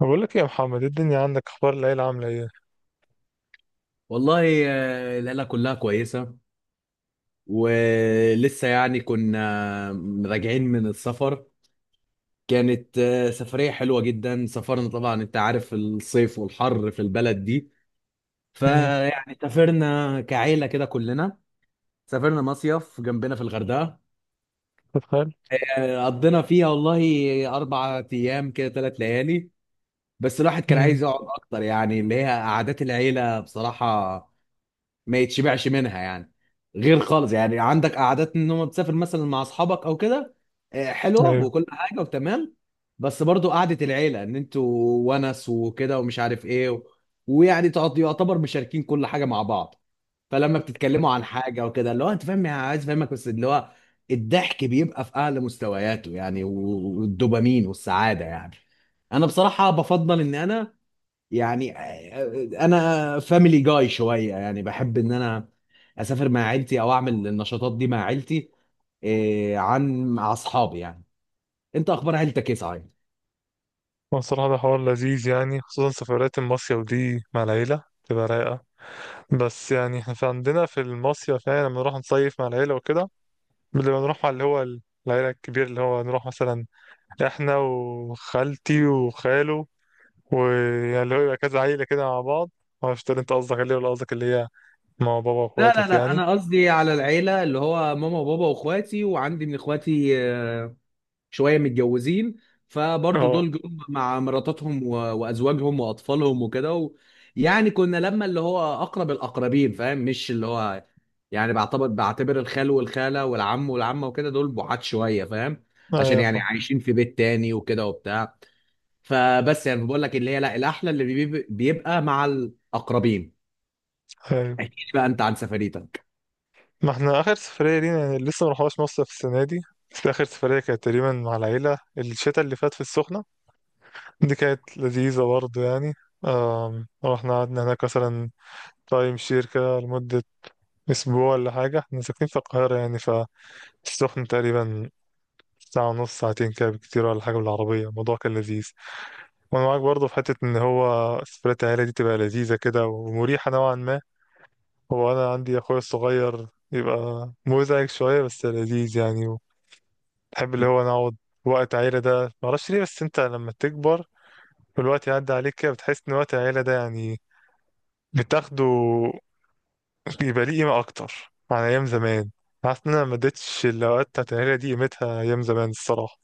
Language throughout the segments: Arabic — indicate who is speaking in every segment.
Speaker 1: بقول لك إيه يا محمد، إيه الدنيا، عندك اخبار، العيله عامله ايه؟
Speaker 2: والله. العيلة كلها كويسة. ولسه يعني كنا راجعين من السفر. كانت سفرية حلوة جدا. سافرنا طبعا، انت عارف الصيف والحر في البلد دي،
Speaker 1: امم.
Speaker 2: فيعني سافرنا كعيلة كده كلنا. سافرنا مصيف جنبنا في الغردقة.
Speaker 1: تتخيل.
Speaker 2: قضينا فيها والله أربع أيام كده، ثلاث ليالي. بس الواحد كان
Speaker 1: امم.
Speaker 2: عايز يقعد أكتر، يعني اللي هي قعدات العيلة بصراحة ما يتشبعش منها يعني. غير خالص يعني عندك قعدات ان هم تسافر مثلا مع اصحابك او كده، حلوه
Speaker 1: ايوه.
Speaker 2: وكل حاجه وتمام. بس برضو قعده العيله ان انتوا ونس وكده ومش عارف ايه ويعني يعتبر مشاركين كل حاجه مع بعض. فلما بتتكلموا عن حاجه وكده، اللي هو انت فاهم يعني، عايز افهمك، بس اللي هو الضحك بيبقى في اعلى مستوياته يعني. والدوبامين والسعاده يعني. انا بصراحه بفضل ان انا يعني، انا فاميلي جاي شويه، يعني بحب ان انا اسافر مع عيلتي او اعمل النشاطات دي مع عيلتي عن مع اصحابي يعني. انت اخبار عيلتك ايه صحيح؟
Speaker 1: هو الصراحه ده حوار لذيذ يعني، خصوصا سفرات المصيف دي مع العيله تبقى رايقه. بس يعني احنا في عندنا في المصيف، يعني لما نروح نصيف مع العيله وكده بنبقى نروح مع اللي هو العيله الكبير، اللي هو نروح مثلا احنا وخالتي وخاله، ويعني اللي هو يبقى كذا عيله كده مع بعض. معرفش انت قصدك اللي ولا قصدك اللي هي مع بابا
Speaker 2: لا لا
Speaker 1: واخواتك
Speaker 2: لا،
Speaker 1: يعني.
Speaker 2: انا قصدي على العيله اللي هو ماما وبابا واخواتي، وعندي من اخواتي شويه متجوزين، فبرضو
Speaker 1: اه.
Speaker 2: دول جم مع مراتاتهم وازواجهم واطفالهم وكده يعني كنا لما اللي هو اقرب الاقربين فاهم، مش اللي هو يعني بعتبر الخال والخاله والعم والعمه وكده، دول بعاد شويه فاهم، عشان يعني
Speaker 1: ايوه
Speaker 2: عايشين في بيت تاني وكده وبتاع. فبس يعني بقول لك اللي هي، لا، الاحلى اللي بيبقى مع الاقربين.
Speaker 1: فاهم.
Speaker 2: احكي لي بقى انت عن سفريتك.
Speaker 1: ما احنا اخر سفرية لينا يعني لسه ما رحناش مصر في السنة دي، بس اخر سفرية كانت تقريبا مع العيلة الشتاء اللي فات في السخنة. دي كانت لذيذة برضه يعني. رحنا قعدنا هناك مثلا تايم شير كده لمدة اسبوع ولا حاجة. احنا ساكنين في القاهرة يعني، فالسخنة تقريبا ساعة ونص ساعتين كده بكتير ولا حاجة بالعربية. الموضوع كان لذيذ، وانا معاك برضه في حتة ان هو سفرية العيلة دي تبقى لذيذة كده ومريحة نوعا ما. هو انا عندي اخويا الصغير يبقى مزعج شوية بس لذيذ يعني. بحب اللي هو نقعد وقت عيلة ده، معرفش ليه، بس انت لما تكبر والوقت يعدي عليك كده بتحس ان وقت العيلة ده يعني بتاخده، بيبقى ليه قيمة أكتر عن أيام زمان. حاسس إن أنا ما اديتش الأوقات بتاعت العيلة دي قيمتها أيام زمان الصراحة،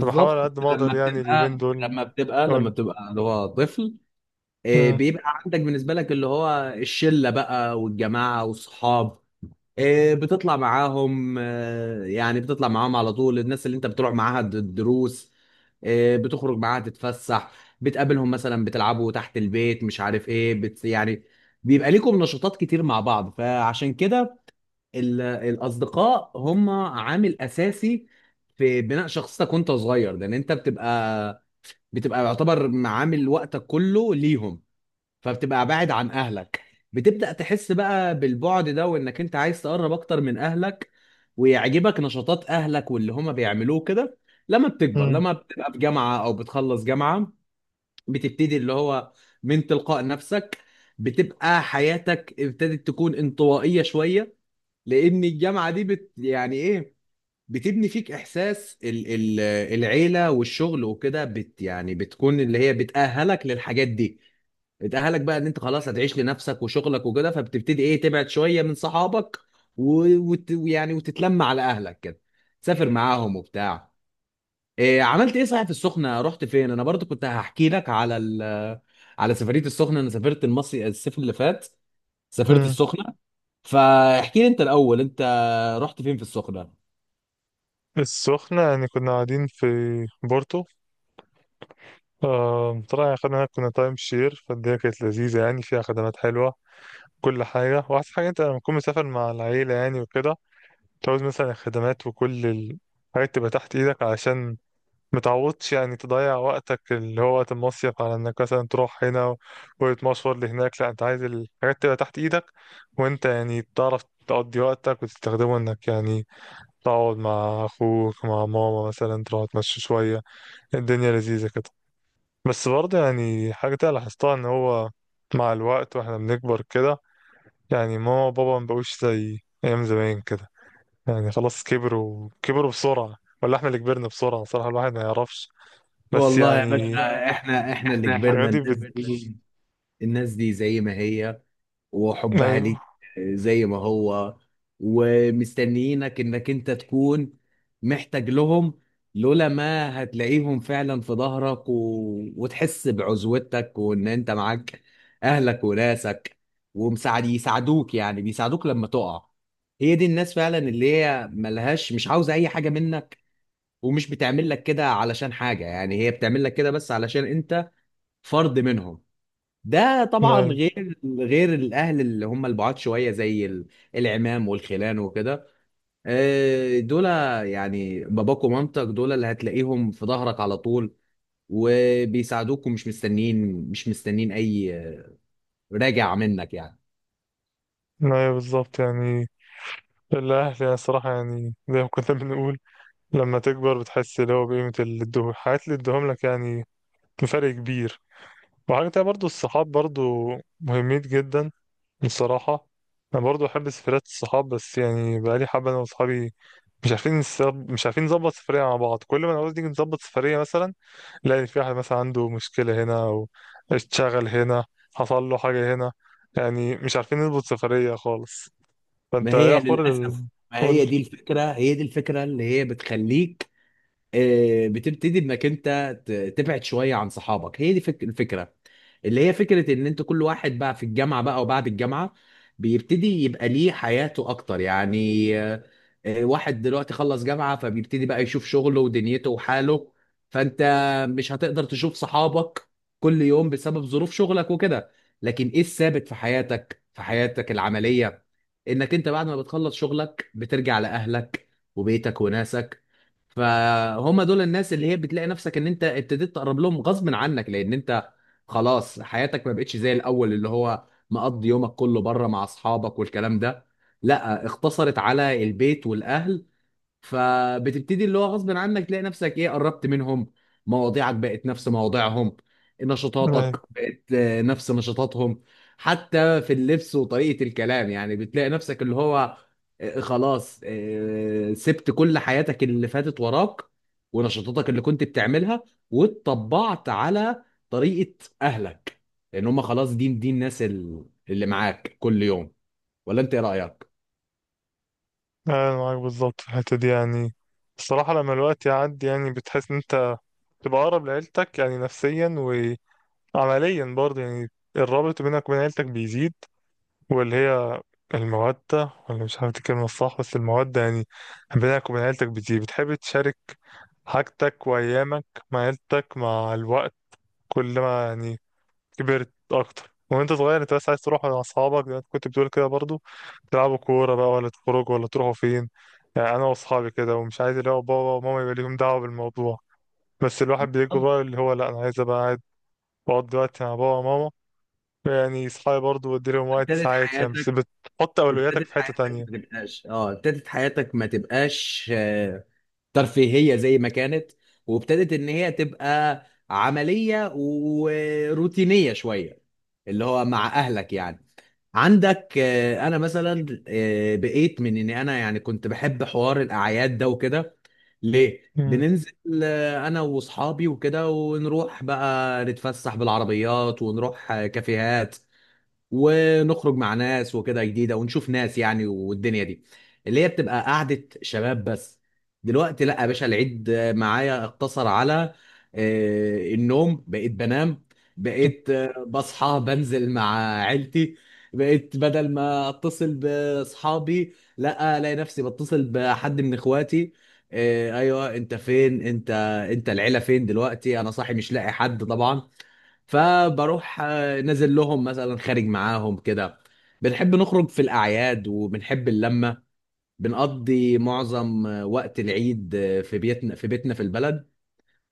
Speaker 1: فبحاول على قد ما
Speaker 2: لما
Speaker 1: أقدر يعني اليومين
Speaker 2: بتبقى
Speaker 1: دول
Speaker 2: لما بتبقى لما
Speaker 1: أقول.
Speaker 2: بتبقى اللي هو طفل،
Speaker 1: مم،
Speaker 2: بيبقى عندك بالنسبة لك اللي هو الشلة بقى والجماعة والصحاب. بتطلع معاهم، يعني بتطلع معاهم على طول. الناس اللي انت بتروح معاها الدروس، بتخرج معاها تتفسح، بتقابلهم مثلا بتلعبوا تحت البيت، مش عارف ايه، بت يعني بيبقى ليكم نشاطات كتير مع بعض. فعشان كده الأصدقاء هم عامل أساسي في بناء شخصيتك وانت صغير، لأن انت بتبقى، بتبقى يعتبر عامل وقتك كله ليهم، فبتبقى بعد عن اهلك. بتبدأ تحس بقى بالبعد ده، وانك انت عايز تقرب اكتر من اهلك، ويعجبك نشاطات اهلك واللي هما بيعملوه كده لما بتكبر،
Speaker 1: مم،
Speaker 2: لما بتبقى في جامعة او بتخلص جامعة. بتبتدي اللي هو من تلقاء نفسك بتبقى حياتك ابتدت تكون انطوائية شوية، لان الجامعة دي بت يعني ايه، بتبني فيك احساس ال العيلة والشغل وكده. بت يعني بتكون اللي هي بتأهلك للحاجات دي، اتأهلك بقى ان انت خلاص هتعيش لنفسك وشغلك وكده. فبتبتدي ايه، تبعد شوية من صحابك، ويعني وتتلم على اهلك كده، تسافر معاهم وبتاع. إيه، عملت ايه صحيح في السخنة، رحت فين؟ انا برضو كنت هحكي لك على ال، على سفرية السخنة. انا سافرت المصري الصيف اللي فات، سافرت
Speaker 1: مم.
Speaker 2: السخنة. فاحكي لي انت الاول، انت رحت فين في السخنة؟
Speaker 1: السخنة يعني كنا قاعدين في بورتو. طلع أخدنا كنا تايم شير، فالدنيا كانت لذيذة يعني فيها خدمات حلوة كل حاجة. وأحسن حاجة أنت لما تكون مسافر مع العيلة يعني وكده، مش عاوز مثلا الخدمات وكل الحاجات تبقى تحت ايدك علشان متعوضش يعني تضيع وقتك اللي هو وقت المصيف على انك مثلا تروح هنا وتمشور لهناك. لا، انت عايز الحاجات تبقى تحت ايدك، وانت يعني تعرف تقضي وقتك وتستخدمه، انك يعني تقعد مع اخوك، مع ماما مثلا تروح تمشي شوية. الدنيا لذيذة كده. بس برضه يعني حاجة تانية لاحظتها ان هو مع الوقت واحنا بنكبر كده، يعني ماما وبابا مبقوش زي ايام زمان كده، يعني خلاص كبروا، كبروا بسرعة، ولا احنا اللي كبرنا بسرعة، صراحة الواحد ما يعرفش. بس
Speaker 2: والله يا
Speaker 1: يعني والله يا
Speaker 2: باشا،
Speaker 1: باشا،
Speaker 2: احنا اللي
Speaker 1: احنا احنا
Speaker 2: كبرنا.
Speaker 1: الحاجات دي
Speaker 2: الناس
Speaker 1: كبرنا.
Speaker 2: دي، الناس دي زي ما هي، وحبها
Speaker 1: ايوه.
Speaker 2: ليك زي ما هو، ومستنيينك انك انت تكون محتاج لهم. لولا ما هتلاقيهم فعلا في ظهرك وتحس بعزوتك، وان انت معاك اهلك وناسك، ومساعد يساعدوك، يعني بيساعدوك لما تقع. هي دي الناس فعلا اللي هي ملهاش، مش عاوزة اي حاجة منك، ومش بتعمل لك كده علشان حاجة، يعني هي بتعمل لك كده بس علشان انت فرد منهم. ده طبعا
Speaker 1: ايوه.
Speaker 2: غير، الاهل اللي هم البعاد شويه زي العمام والخلان وكده. دول يعني باباك ومامتك، دول اللي هتلاقيهم في ظهرك على طول، وبيساعدوك، ومش مستنين، مش مستنين اي راجع منك يعني.
Speaker 1: ايوه بالظبط يعني. الأهل يعني الصراحة يعني زي ما كنا بنقول، لما تكبر بتحس اللي هو بقيمة اللي ادوه الحاجات اللي ادوهم لك يعني، بفرق كبير. وحاجة تانية برضو الصحاب برضو مهمين جدا بصراحة. أنا برضو أحب سفريات الصحاب، بس يعني بقالي حبة أنا وصحابي مش عارفين مش عارفين نظبط سفرية مع بعض. كل ما نعوز نيجي نظبط سفرية مثلا نلاقي في واحد مثلا عنده مشكلة هنا، أو اتشغل هنا، حصل له حاجة هنا، يعني مش عارفين نظبط سفرية خالص.
Speaker 2: ما
Speaker 1: فأنت إيه
Speaker 2: هي
Speaker 1: أخبار
Speaker 2: للاسف، ما
Speaker 1: قول.
Speaker 2: هي دي الفكره هي دي الفكره اللي هي بتخليك، بتبتدي انك انت ت- تبعد شويه عن صحابك. هي دي الفكره، اللي هي فكره ان انت كل واحد بقى في الجامعه بقى وبعد الجامعه بيبتدي يبقى ليه حياته اكتر يعني. واحد دلوقتي خلص جامعه، فبيبتدي بقى يشوف شغله ودنيته وحاله. فانت مش هتقدر تشوف صحابك كل يوم بسبب ظروف شغلك وكده. لكن ايه الثابت في حياتك، في حياتك العمليه؟ انك انت بعد ما بتخلص شغلك بترجع لاهلك وبيتك وناسك. فهم دول الناس اللي هي بتلاقي نفسك ان انت ابتديت تقرب لهم غصب عنك، لان انت خلاص حياتك ما بقتش زي الاول اللي هو مقضي يومك كله بره مع اصحابك والكلام ده، لا، اختصرت على البيت والاهل. فبتبتدي اللي هو غصب عنك تلاقي نفسك ايه، قربت منهم. مواضيعك بقت نفس مواضيعهم،
Speaker 1: أنا
Speaker 2: نشاطاتك بقت نفس نشاطاتهم. حتى في اللبس وطريقة الكلام، يعني بتلاقي نفسك اللي هو خلاص، سبت كل حياتك اللي فاتت وراك، ونشاطاتك اللي كنت بتعملها، واتطبعت على طريقة أهلك، لأن هم خلاص، دي الناس اللي معاك كل يوم. ولا أنت إيه رأيك؟
Speaker 1: أنا معاك بالظبط في الحتة دي يعني. الصراحة لما الوقت يعدي يعني بتحس إن أنت تبقى أقرب لعيلتك يعني نفسيا، وعمليا برضه يعني الرابط بينك وبين عيلتك بيزيد، واللي هي المودة، ولا مش عارف دي الكلمة الصح، بس المودة يعني بينك وبين عيلتك بتيجي، بتحب تشارك حاجتك وأيامك مع عيلتك مع الوقت. كل ما يعني كبرت أكتر. وأنت صغير أنت بس عايز تروح مع أصحابك زي ما أنت كنت بتقول كده برضو، تلعبوا كورة بقى ولا تخرجوا ولا تروحوا فين، يعني أنا وأصحابي كده، ومش عايز اللي هو بابا وماما يبقى ليهم دعوة بالموضوع. بس الواحد بيكبر
Speaker 2: طب،
Speaker 1: بقى اللي هو لأ أنا عايز أبقى قاعد بقضي وقت مع بابا وماما. يعني صحابي برضه بدي لهم وقت
Speaker 2: ابتدت
Speaker 1: ساعات يعني، بس
Speaker 2: حياتك
Speaker 1: بتحط أولوياتك
Speaker 2: ابتدت
Speaker 1: في حتة
Speaker 2: حياتك
Speaker 1: تانية.
Speaker 2: ما تبقاش اه ابتدت حياتك ما تبقاش ترفيهية زي ما كانت، وابتدت ان هي تبقى عملية وروتينية شوية، اللي هو مع اهلك يعني. عندك انا مثلا، بقيت من ان انا يعني كنت بحب حوار الاعياد ده وكده، ليه
Speaker 1: امم.
Speaker 2: بننزل انا واصحابي وكده، ونروح بقى نتفسح بالعربيات، ونروح كافيهات، ونخرج مع ناس وكده جديده، ونشوف ناس يعني. والدنيا دي اللي هي بتبقى قعده شباب بس. دلوقتي لا يا باشا، العيد معايا اقتصر على النوم، بقيت بنام، بقيت بصحى بنزل مع عيلتي. بقيت بدل ما اتصل باصحابي، لا، الاقي نفسي بتصل بحد من اخواتي. ايوه انت فين، انت، انت العيله فين دلوقتي، انا صاحي مش لاقي حد طبعا. فبروح نازل لهم مثلا، خارج معاهم كده. بنحب نخرج في الأعياد، وبنحب اللمة. بنقضي معظم وقت العيد في بيتنا، في البلد.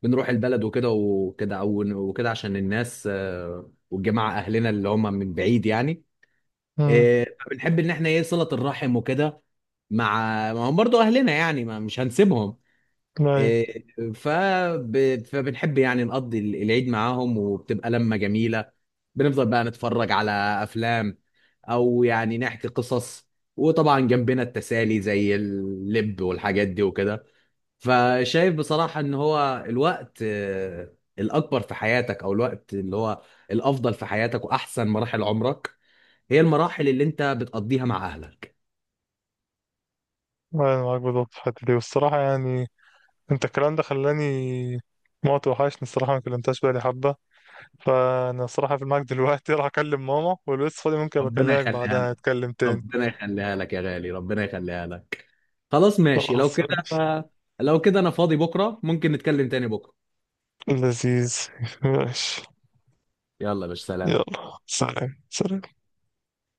Speaker 2: بنروح البلد وكده وكده، أو وكده، عشان الناس، والجماعة أهلنا اللي هم من بعيد يعني.
Speaker 1: امم.
Speaker 2: فبنحب إن إحنا إيه، صلة الرحم وكده مع، ما هم برضه أهلنا يعني، ما مش هنسيبهم.
Speaker 1: أيوة.
Speaker 2: إيه، فب... فبنحب يعني نقضي العيد معاهم، وبتبقى لمة جميلة. بنفضل بقى نتفرج على أفلام، أو يعني نحكي قصص، وطبعا جنبنا التسالي زي اللب والحاجات دي وكده. فشايف بصراحة إن هو الوقت الأكبر في حياتك، أو الوقت اللي هو الأفضل في حياتك وأحسن مراحل عمرك، هي المراحل اللي أنت بتقضيها مع أهلك.
Speaker 1: أنا معاك بالظبط في الحتة دي والصراحة يعني أنت الكلام ده خلاني موت وحشني الصراحة، ما كلمتهاش بقالي حبة. فأنا الصراحة في المعك دلوقتي راح أكلم ماما ولو لسه فاضي ممكن
Speaker 2: ربنا
Speaker 1: بكلمك
Speaker 2: يخليها
Speaker 1: بعدها
Speaker 2: لك،
Speaker 1: نتكلم تاني.
Speaker 2: ربنا يخليها لك يا غالي، ربنا يخليها لك. خلاص ماشي لو
Speaker 1: خلاص
Speaker 2: كده.
Speaker 1: ماشي.
Speaker 2: لو كده انا فاضي بكره، ممكن نتكلم تاني بكره.
Speaker 1: لذيذ. ماشي.
Speaker 2: يلا يا باشا، سلام.
Speaker 1: يلا سلام سلام.